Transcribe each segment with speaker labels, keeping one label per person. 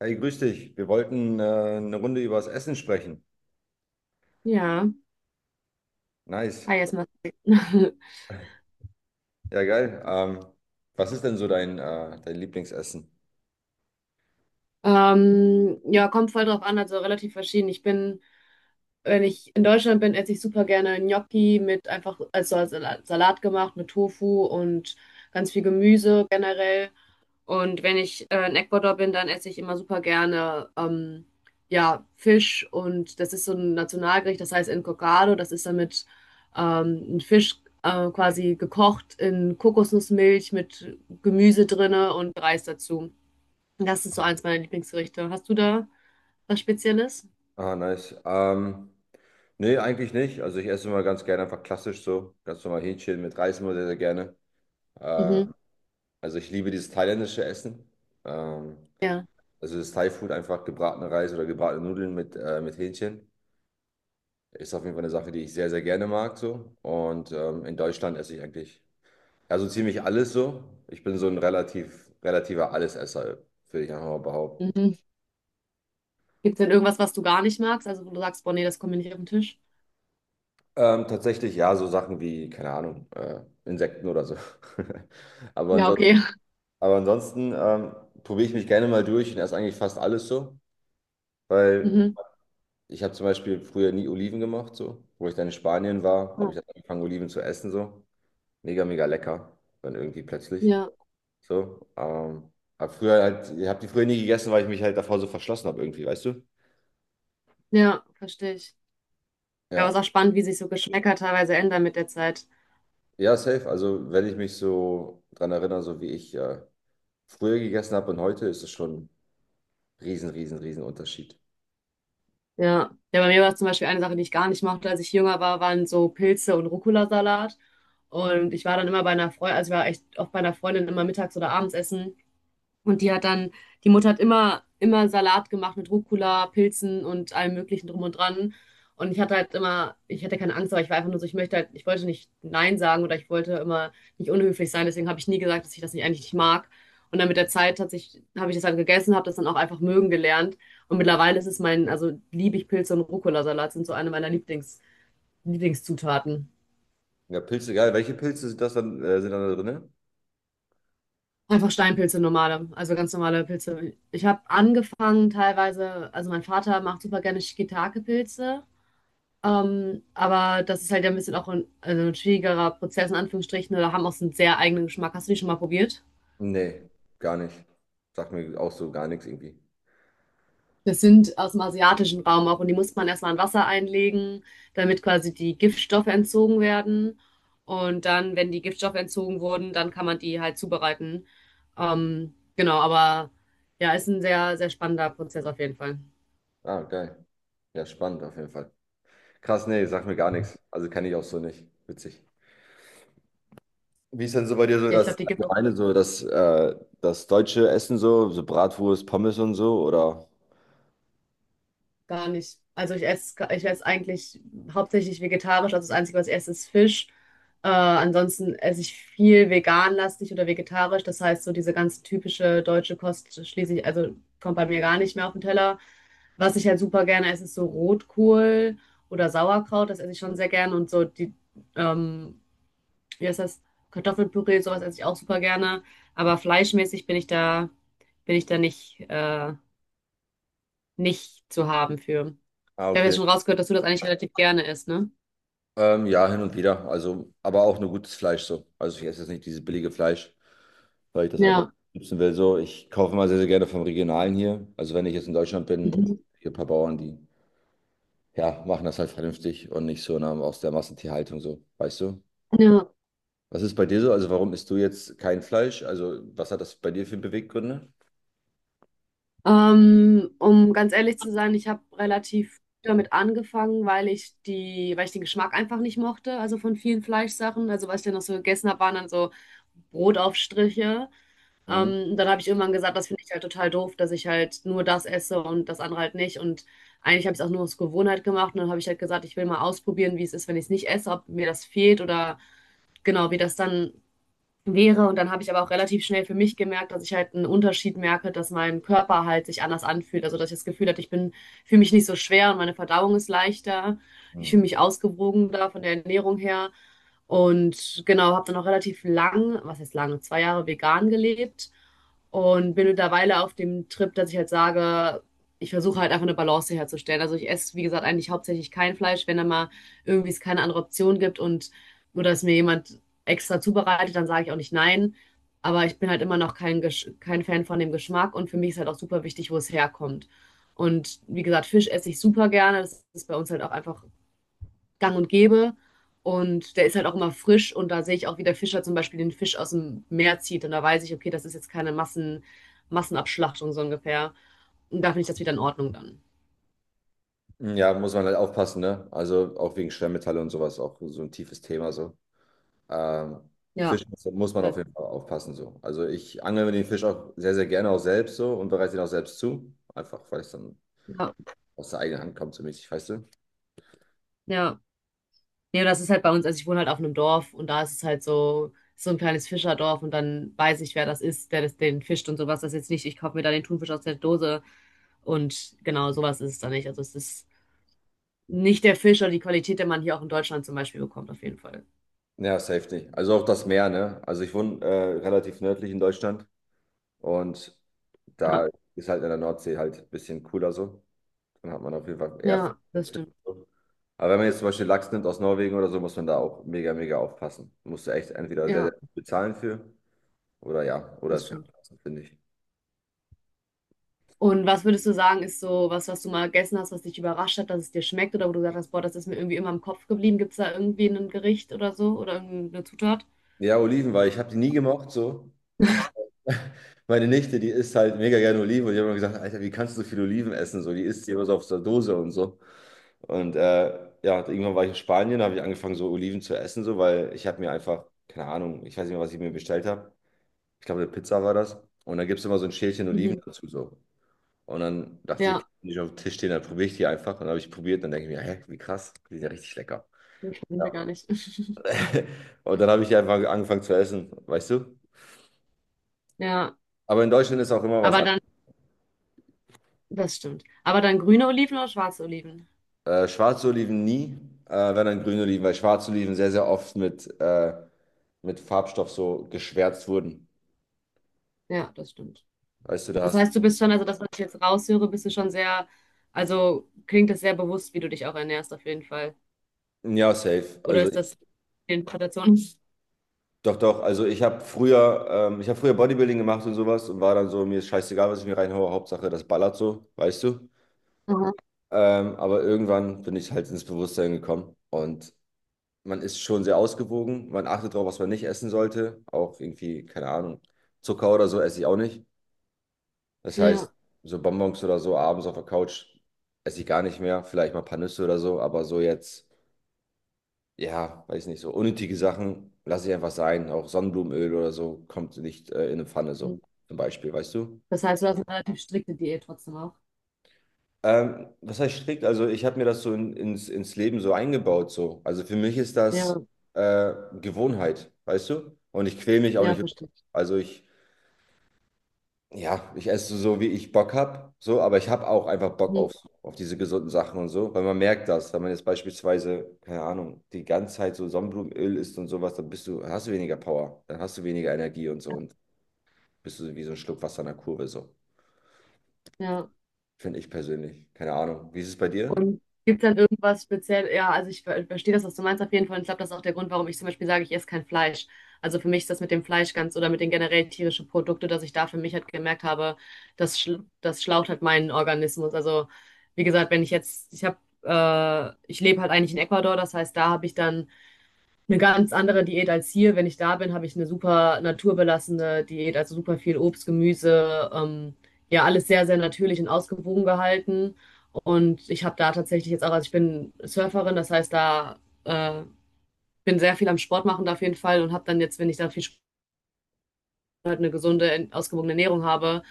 Speaker 1: Hey, grüß dich. Wir wollten eine Runde über das Essen sprechen.
Speaker 2: Ja,
Speaker 1: Nice.
Speaker 2: ah, jetzt mal.
Speaker 1: Ja, geil. Was ist denn so dein, dein Lieblingsessen?
Speaker 2: Ja, kommt voll drauf an, also relativ verschieden. Ich bin, wenn ich in Deutschland bin, esse ich super gerne Gnocchi mit einfach also als Salat gemacht, mit Tofu und ganz viel Gemüse generell. Und wenn ich in Ecuador bin, dann esse ich immer super gerne ja, Fisch und das ist so ein Nationalgericht, das heißt Encocado, das ist dann mit ein Fisch quasi gekocht in Kokosnussmilch mit Gemüse drinne und Reis dazu. Und das ist so eins meiner Lieblingsgerichte. Hast du da was Spezielles?
Speaker 1: Ah, nice. Nee, eigentlich nicht. Also ich esse immer ganz gerne einfach klassisch so. Ganz normal Hähnchen mit Reis immer sehr, sehr gerne. Ähm,
Speaker 2: Mhm.
Speaker 1: also ich liebe dieses thailändische Essen. Ähm,
Speaker 2: Ja.
Speaker 1: also das Thai-Food, einfach gebratene Reis oder gebratene Nudeln mit Hähnchen. Ist auf jeden Fall eine Sache, die ich sehr, sehr gerne mag, so. Und in Deutschland esse ich eigentlich, also ziemlich alles so. Ich bin so ein relativer Allesesser, würde ich einfach mal behaupten.
Speaker 2: Mhm. Gibt es denn irgendwas, was du gar nicht magst? Also wo du sagst, boah, nee, das kommt mir nicht auf den Tisch?
Speaker 1: Tatsächlich, ja, so Sachen wie, keine Ahnung, Insekten oder so. Aber
Speaker 2: Ja,
Speaker 1: ansonsten,
Speaker 2: okay.
Speaker 1: aber ansonsten probiere ich mich gerne mal durch und esse eigentlich fast alles so, weil
Speaker 2: Mhm.
Speaker 1: ich habe zum Beispiel früher nie Oliven gemacht, so. Wo ich dann in Spanien war, habe ich dann angefangen, Oliven zu essen, so. Mega, mega lecker, dann irgendwie plötzlich.
Speaker 2: Ja,
Speaker 1: So, ich habe die früher nie gegessen, weil ich mich halt davor so verschlossen habe irgendwie, weißt du?
Speaker 2: ja, verstehe ich. Ja, aber es
Speaker 1: Ja,
Speaker 2: ist auch spannend, wie sich so Geschmäcker teilweise ändern mit der Zeit.
Speaker 1: ja, safe. Also wenn ich mich so dran erinnere, so wie ich früher gegessen habe und heute, ist es schon riesen, riesen, riesen Unterschied.
Speaker 2: Ja. Ja, bei mir war es zum Beispiel eine Sache, die ich gar nicht mochte, als ich jünger war, waren so Pilze und Rucola-Salat. Und ich war dann immer bei einer Freundin, also ich war echt oft bei einer Freundin immer mittags oder abends essen. Und die hat dann, die Mutter hat immer Salat gemacht mit Rucola, Pilzen und allem Möglichen drum und dran. Und ich hatte halt immer, ich hatte keine Angst, aber ich war einfach nur so, ich möchte halt, ich wollte nicht Nein sagen oder ich wollte immer nicht unhöflich sein. Deswegen habe ich nie gesagt, dass ich das nicht eigentlich nicht mag. Und dann mit der Zeit hat sich, habe ich das halt gegessen, habe das dann auch einfach mögen gelernt. Und mittlerweile ist es mein, also liebe ich Pilze und Rucola-Salat, sind so eine meiner Lieblingszutaten.
Speaker 1: Ja, Pilze, geil. Welche Pilze sind das dann, sind dann da drin?
Speaker 2: Einfach Steinpilze, normale, also ganz normale Pilze. Ich habe angefangen teilweise, also mein Vater macht super gerne Shiitake-Pilze, aber das ist halt ja ein bisschen auch ein, also ein schwierigerer Prozess, in Anführungsstrichen, oder haben auch so einen sehr eigenen Geschmack. Hast du die schon mal probiert?
Speaker 1: Nee, gar nicht. Sagt mir auch so gar nichts irgendwie.
Speaker 2: Das sind aus dem asiatischen Raum auch und die muss man erstmal in Wasser einlegen, damit quasi die Giftstoffe entzogen werden. Und dann, wenn die Giftstoffe entzogen wurden, dann kann man die halt zubereiten. Genau, aber ja, ist ein sehr, sehr spannender Prozess auf jeden Fall.
Speaker 1: Ah, geil. Ja, spannend auf jeden Fall. Krass, nee, sagt mir gar nichts. Also kenne ich auch so nicht. Witzig. Wie ist denn so bei dir so
Speaker 2: Ja, ich
Speaker 1: das
Speaker 2: glaube, die gibt es
Speaker 1: allgemeine,
Speaker 2: auch
Speaker 1: so das deutsche Essen so, so Bratwurst, Pommes und so, oder?
Speaker 2: gar nicht. Also ich esse eigentlich hauptsächlich vegetarisch. Also das Einzige, was ich esse, ist Fisch. Ansonsten esse ich viel veganlastig oder vegetarisch. Das heißt, so diese ganz typische deutsche Kost schließe ich, also kommt bei mir gar nicht mehr auf den Teller. Was ich halt super gerne esse, ist so Rotkohl oder Sauerkraut. Das esse ich schon sehr gerne. Und so die, ähm, wie heißt das? Kartoffelpüree, sowas esse ich auch super gerne. Aber fleischmäßig bin ich da nicht, nicht zu haben für.
Speaker 1: Ah,
Speaker 2: Ich habe ja
Speaker 1: okay.
Speaker 2: schon rausgehört, dass du das eigentlich relativ gerne isst, ne?
Speaker 1: Ja, hin und wieder. Also, aber auch nur gutes Fleisch so. Also ich esse jetzt nicht dieses billige Fleisch, weil ich das einfach
Speaker 2: Ja,
Speaker 1: nicht nutzen will. So, ich kaufe immer sehr, sehr gerne vom Regionalen hier. Also wenn ich jetzt in Deutschland bin,
Speaker 2: Mhm.
Speaker 1: hier ein paar Bauern, die ja, machen das halt vernünftig und nicht so in aus der Massentierhaltung so, weißt du?
Speaker 2: Ja.
Speaker 1: Was ist bei dir so? Also warum isst du jetzt kein Fleisch? Also was hat das bei dir für Beweggründe?
Speaker 2: Um ganz ehrlich zu sein, ich habe relativ früh damit angefangen, weil ich die, weil ich den Geschmack einfach nicht mochte, also von vielen Fleischsachen. Also was ich dann noch so gegessen habe, waren dann so Brotaufstriche. Dann habe ich irgendwann gesagt, das finde ich halt total doof, dass ich halt nur das esse und das andere halt nicht. Und eigentlich habe ich es auch nur aus Gewohnheit gemacht. Und dann habe ich halt gesagt, ich will mal ausprobieren, wie es ist, wenn ich es nicht esse, ob mir das fehlt oder genau, wie das dann wäre. Und dann habe ich aber auch relativ schnell für mich gemerkt, dass ich halt einen Unterschied merke, dass mein Körper halt sich anders anfühlt. Also dass ich das Gefühl hatte, ich bin, fühle mich nicht so schwer und meine Verdauung ist leichter. Ich fühle
Speaker 1: Mhm.
Speaker 2: mich ausgewogener von der Ernährung her. Und genau, habe dann auch relativ lang, was heißt lange, 2 Jahre vegan gelebt und bin mittlerweile auf dem Trip, dass ich halt sage, ich versuche halt einfach eine Balance herzustellen. Also ich esse, wie gesagt, eigentlich hauptsächlich kein Fleisch, wenn da mal irgendwie es keine andere Option gibt und oder es mir jemand extra zubereitet, dann sage ich auch nicht nein. Aber ich bin halt immer noch kein, kein Fan von dem Geschmack und für mich ist halt auch super wichtig, wo es herkommt. Und wie gesagt, Fisch esse ich super gerne. Das ist bei uns halt auch einfach gang und gäbe. Und der ist halt auch immer frisch und da sehe ich auch, wie der Fischer zum Beispiel den Fisch aus dem Meer zieht. Und da weiß ich, okay, das ist jetzt keine Massenabschlachtung so ungefähr. Und da finde ich das wieder in Ordnung dann.
Speaker 1: Ja, muss man halt aufpassen, ne? Also auch wegen Schwermetalle und sowas, auch so ein tiefes Thema so. Ähm,
Speaker 2: Ja,
Speaker 1: Fisch muss man auf jeden Fall aufpassen so. Also ich angel mir den Fisch auch sehr, sehr gerne auch selbst so und bereite ihn auch selbst zu. Einfach, weil es dann
Speaker 2: ja,
Speaker 1: aus der eigenen Hand kommt so mäßig, weißt du?
Speaker 2: ja. Nee, und das ist halt bei uns, also ich wohne halt auf einem Dorf und da ist es halt so, so ein kleines Fischerdorf und dann weiß ich, wer das ist, der das, den fischt und sowas. Das ist jetzt nicht, ich kaufe mir da den Thunfisch aus der Dose und genau, sowas ist es da nicht. Also es ist nicht der Fisch oder die Qualität, den man hier auch in Deutschland zum Beispiel bekommt, auf jeden Fall.
Speaker 1: Ja, safe nicht. Also auch das Meer, ne? Also ich wohne relativ nördlich in Deutschland und
Speaker 2: Ja,
Speaker 1: da ist halt in der Nordsee halt ein bisschen cooler so. Dann hat man auf jeden Fall eher Fisch
Speaker 2: ja,
Speaker 1: und
Speaker 2: das
Speaker 1: Fisch.
Speaker 2: stimmt.
Speaker 1: Aber wenn man jetzt zum Beispiel Lachs nimmt aus Norwegen oder so, muss man da auch mega, mega aufpassen. Musst du echt entweder sehr,
Speaker 2: Ja,
Speaker 1: sehr viel bezahlen für oder ja, oder
Speaker 2: das
Speaker 1: es kann
Speaker 2: stimmt.
Speaker 1: passen, finde ich.
Speaker 2: Und was würdest du sagen, ist so was, was du mal gegessen hast, was dich überrascht hat, dass es dir schmeckt oder wo du gesagt hast, boah, das ist mir irgendwie immer im Kopf geblieben. Gibt es da irgendwie ein Gericht oder so oder irgendeine Zutat?
Speaker 1: Ja, Oliven, weil ich habe die nie gemocht so. Meine Nichte, die isst halt mega gerne Oliven und ich habe immer gesagt, Alter, wie kannst du so viel Oliven essen? So, die isst die immer so auf der Dose und so. Und ja, irgendwann war ich in Spanien, da habe ich angefangen, so Oliven zu essen, so, weil ich habe mir einfach, keine Ahnung, ich weiß nicht mehr, was ich mir bestellt habe. Ich glaube, eine Pizza war das. Und dann gibt es immer so ein Schälchen Oliven
Speaker 2: Mhm.
Speaker 1: dazu so. Und dann dachte ich, okay,
Speaker 2: Ja,
Speaker 1: die nicht auf dem Tisch stehen, dann probiere ich die einfach. Und dann habe ich probiert, dann denke ich mir, hä, wie krass, die sind ja richtig lecker.
Speaker 2: ich
Speaker 1: Ja.
Speaker 2: verbinde gar nicht.
Speaker 1: Und dann habe ich die einfach angefangen zu essen, weißt du?
Speaker 2: Ja,
Speaker 1: Aber in Deutschland ist auch immer was
Speaker 2: aber dann,
Speaker 1: anderes.
Speaker 2: das stimmt. Aber dann grüne Oliven oder schwarze Oliven?
Speaker 1: Schwarze Oliven nie, wenn dann grüne Oliven, weil schwarze Oliven sehr, sehr oft mit Farbstoff so geschwärzt wurden.
Speaker 2: Ja, das stimmt.
Speaker 1: Weißt du, da
Speaker 2: Das
Speaker 1: hast.
Speaker 2: heißt, du bist schon, also das, was ich jetzt raushöre, bist du schon sehr, also klingt das sehr bewusst, wie du dich auch ernährst, auf jeden Fall.
Speaker 1: Ja, safe.
Speaker 2: Oder
Speaker 1: Also.
Speaker 2: ist das die Interpretation?
Speaker 1: Doch, doch. Also ich habe früher Bodybuilding gemacht und sowas und war dann so, mir ist scheißegal, was ich mir reinhaue, Hauptsache das ballert so, weißt du.
Speaker 2: Aha.
Speaker 1: Aber irgendwann bin ich halt ins Bewusstsein gekommen und man ist schon sehr ausgewogen. Man achtet darauf, was man nicht essen sollte. Auch irgendwie, keine Ahnung, Zucker oder so esse ich auch nicht. Das heißt,
Speaker 2: Ja.
Speaker 1: so Bonbons oder so abends auf der Couch esse ich gar nicht mehr. Vielleicht mal ein paar Nüsse oder so, aber so jetzt. Ja, weiß nicht so. Unnötige Sachen lasse ich einfach sein. Auch Sonnenblumenöl oder so kommt nicht in eine Pfanne,
Speaker 2: Mhm.
Speaker 1: so zum Beispiel, weißt du?
Speaker 2: Das heißt, du hast eine relativ strikte Diät trotzdem auch.
Speaker 1: Was heißt strikt? Also, ich habe mir das so ins Leben so eingebaut, so. Also, für mich ist
Speaker 2: Ja,
Speaker 1: das äh, Gewohnheit, weißt du? Und ich quäle mich auch
Speaker 2: ja,
Speaker 1: nicht.
Speaker 2: verstehe ich.
Speaker 1: Also, ich. Ja, ich esse so, wie ich Bock habe, so, aber ich habe auch einfach Bock
Speaker 2: Mhm.
Speaker 1: auf diese gesunden Sachen und so, weil man merkt das, wenn man jetzt beispielsweise, keine Ahnung, die ganze Zeit so Sonnenblumenöl isst und sowas, dann bist du, hast du weniger Power, dann hast du weniger Energie und so und bist du wie so ein Schluck Wasser in der Kurve, so,
Speaker 2: Ja.
Speaker 1: finde ich persönlich. Keine Ahnung. Wie ist es bei dir?
Speaker 2: Und gibt es dann irgendwas speziell? Ja, also ich verstehe das, was du meinst auf jeden Fall. Und ich glaube, das ist auch der Grund, warum ich zum Beispiel sage, ich esse kein Fleisch. Also für mich ist das mit dem Fleisch ganz oder mit den generell tierischen Produkten, dass ich da für mich halt gemerkt habe, das schlaucht halt meinen Organismus. Also wie gesagt, wenn ich jetzt, ich habe, ich lebe halt eigentlich in Ecuador, das heißt, da habe ich dann eine ganz andere Diät als hier. Wenn ich da bin, habe ich eine super naturbelassene Diät, also super viel Obst, Gemüse, ja, alles sehr, sehr natürlich und ausgewogen gehalten. Und ich habe da tatsächlich jetzt auch, also ich bin Surferin, das heißt, da äh, bin sehr viel am Sport machen da auf jeden Fall und habe dann jetzt, wenn ich da viel halt eine gesunde, ausgewogene Ernährung habe,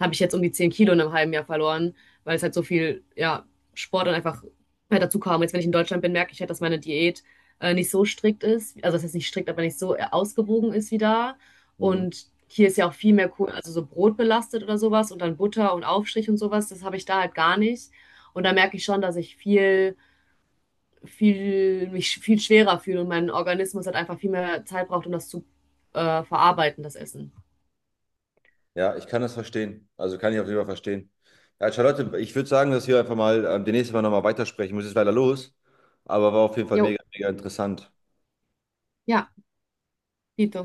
Speaker 2: habe ich jetzt um die 10 Kilo in einem halben Jahr verloren, weil es halt so viel, ja, Sport und einfach halt dazu kam. Jetzt, wenn ich in Deutschland bin, merke ich halt, dass meine Diät nicht so strikt ist. Also, das heißt nicht strikt, aber nicht so ausgewogen ist wie da.
Speaker 1: Mhm.
Speaker 2: Und hier ist ja auch viel mehr cool, also so Brot belastet oder sowas und dann Butter und Aufstrich und sowas. Das habe ich da halt gar nicht. Und da merke ich schon, dass ich mich viel schwerer fühle und mein Organismus halt einfach viel mehr Zeit braucht, um das zu verarbeiten, das Essen.
Speaker 1: Ja, ich kann das verstehen. Also kann ich auf jeden Fall verstehen. Ja, Charlotte, ich würde sagen, dass wir einfach mal demnächst mal nochmal weitersprechen. Ich muss jetzt leider los, aber war auf jeden Fall
Speaker 2: Jo,
Speaker 1: mega, mega interessant.
Speaker 2: ja. Quito.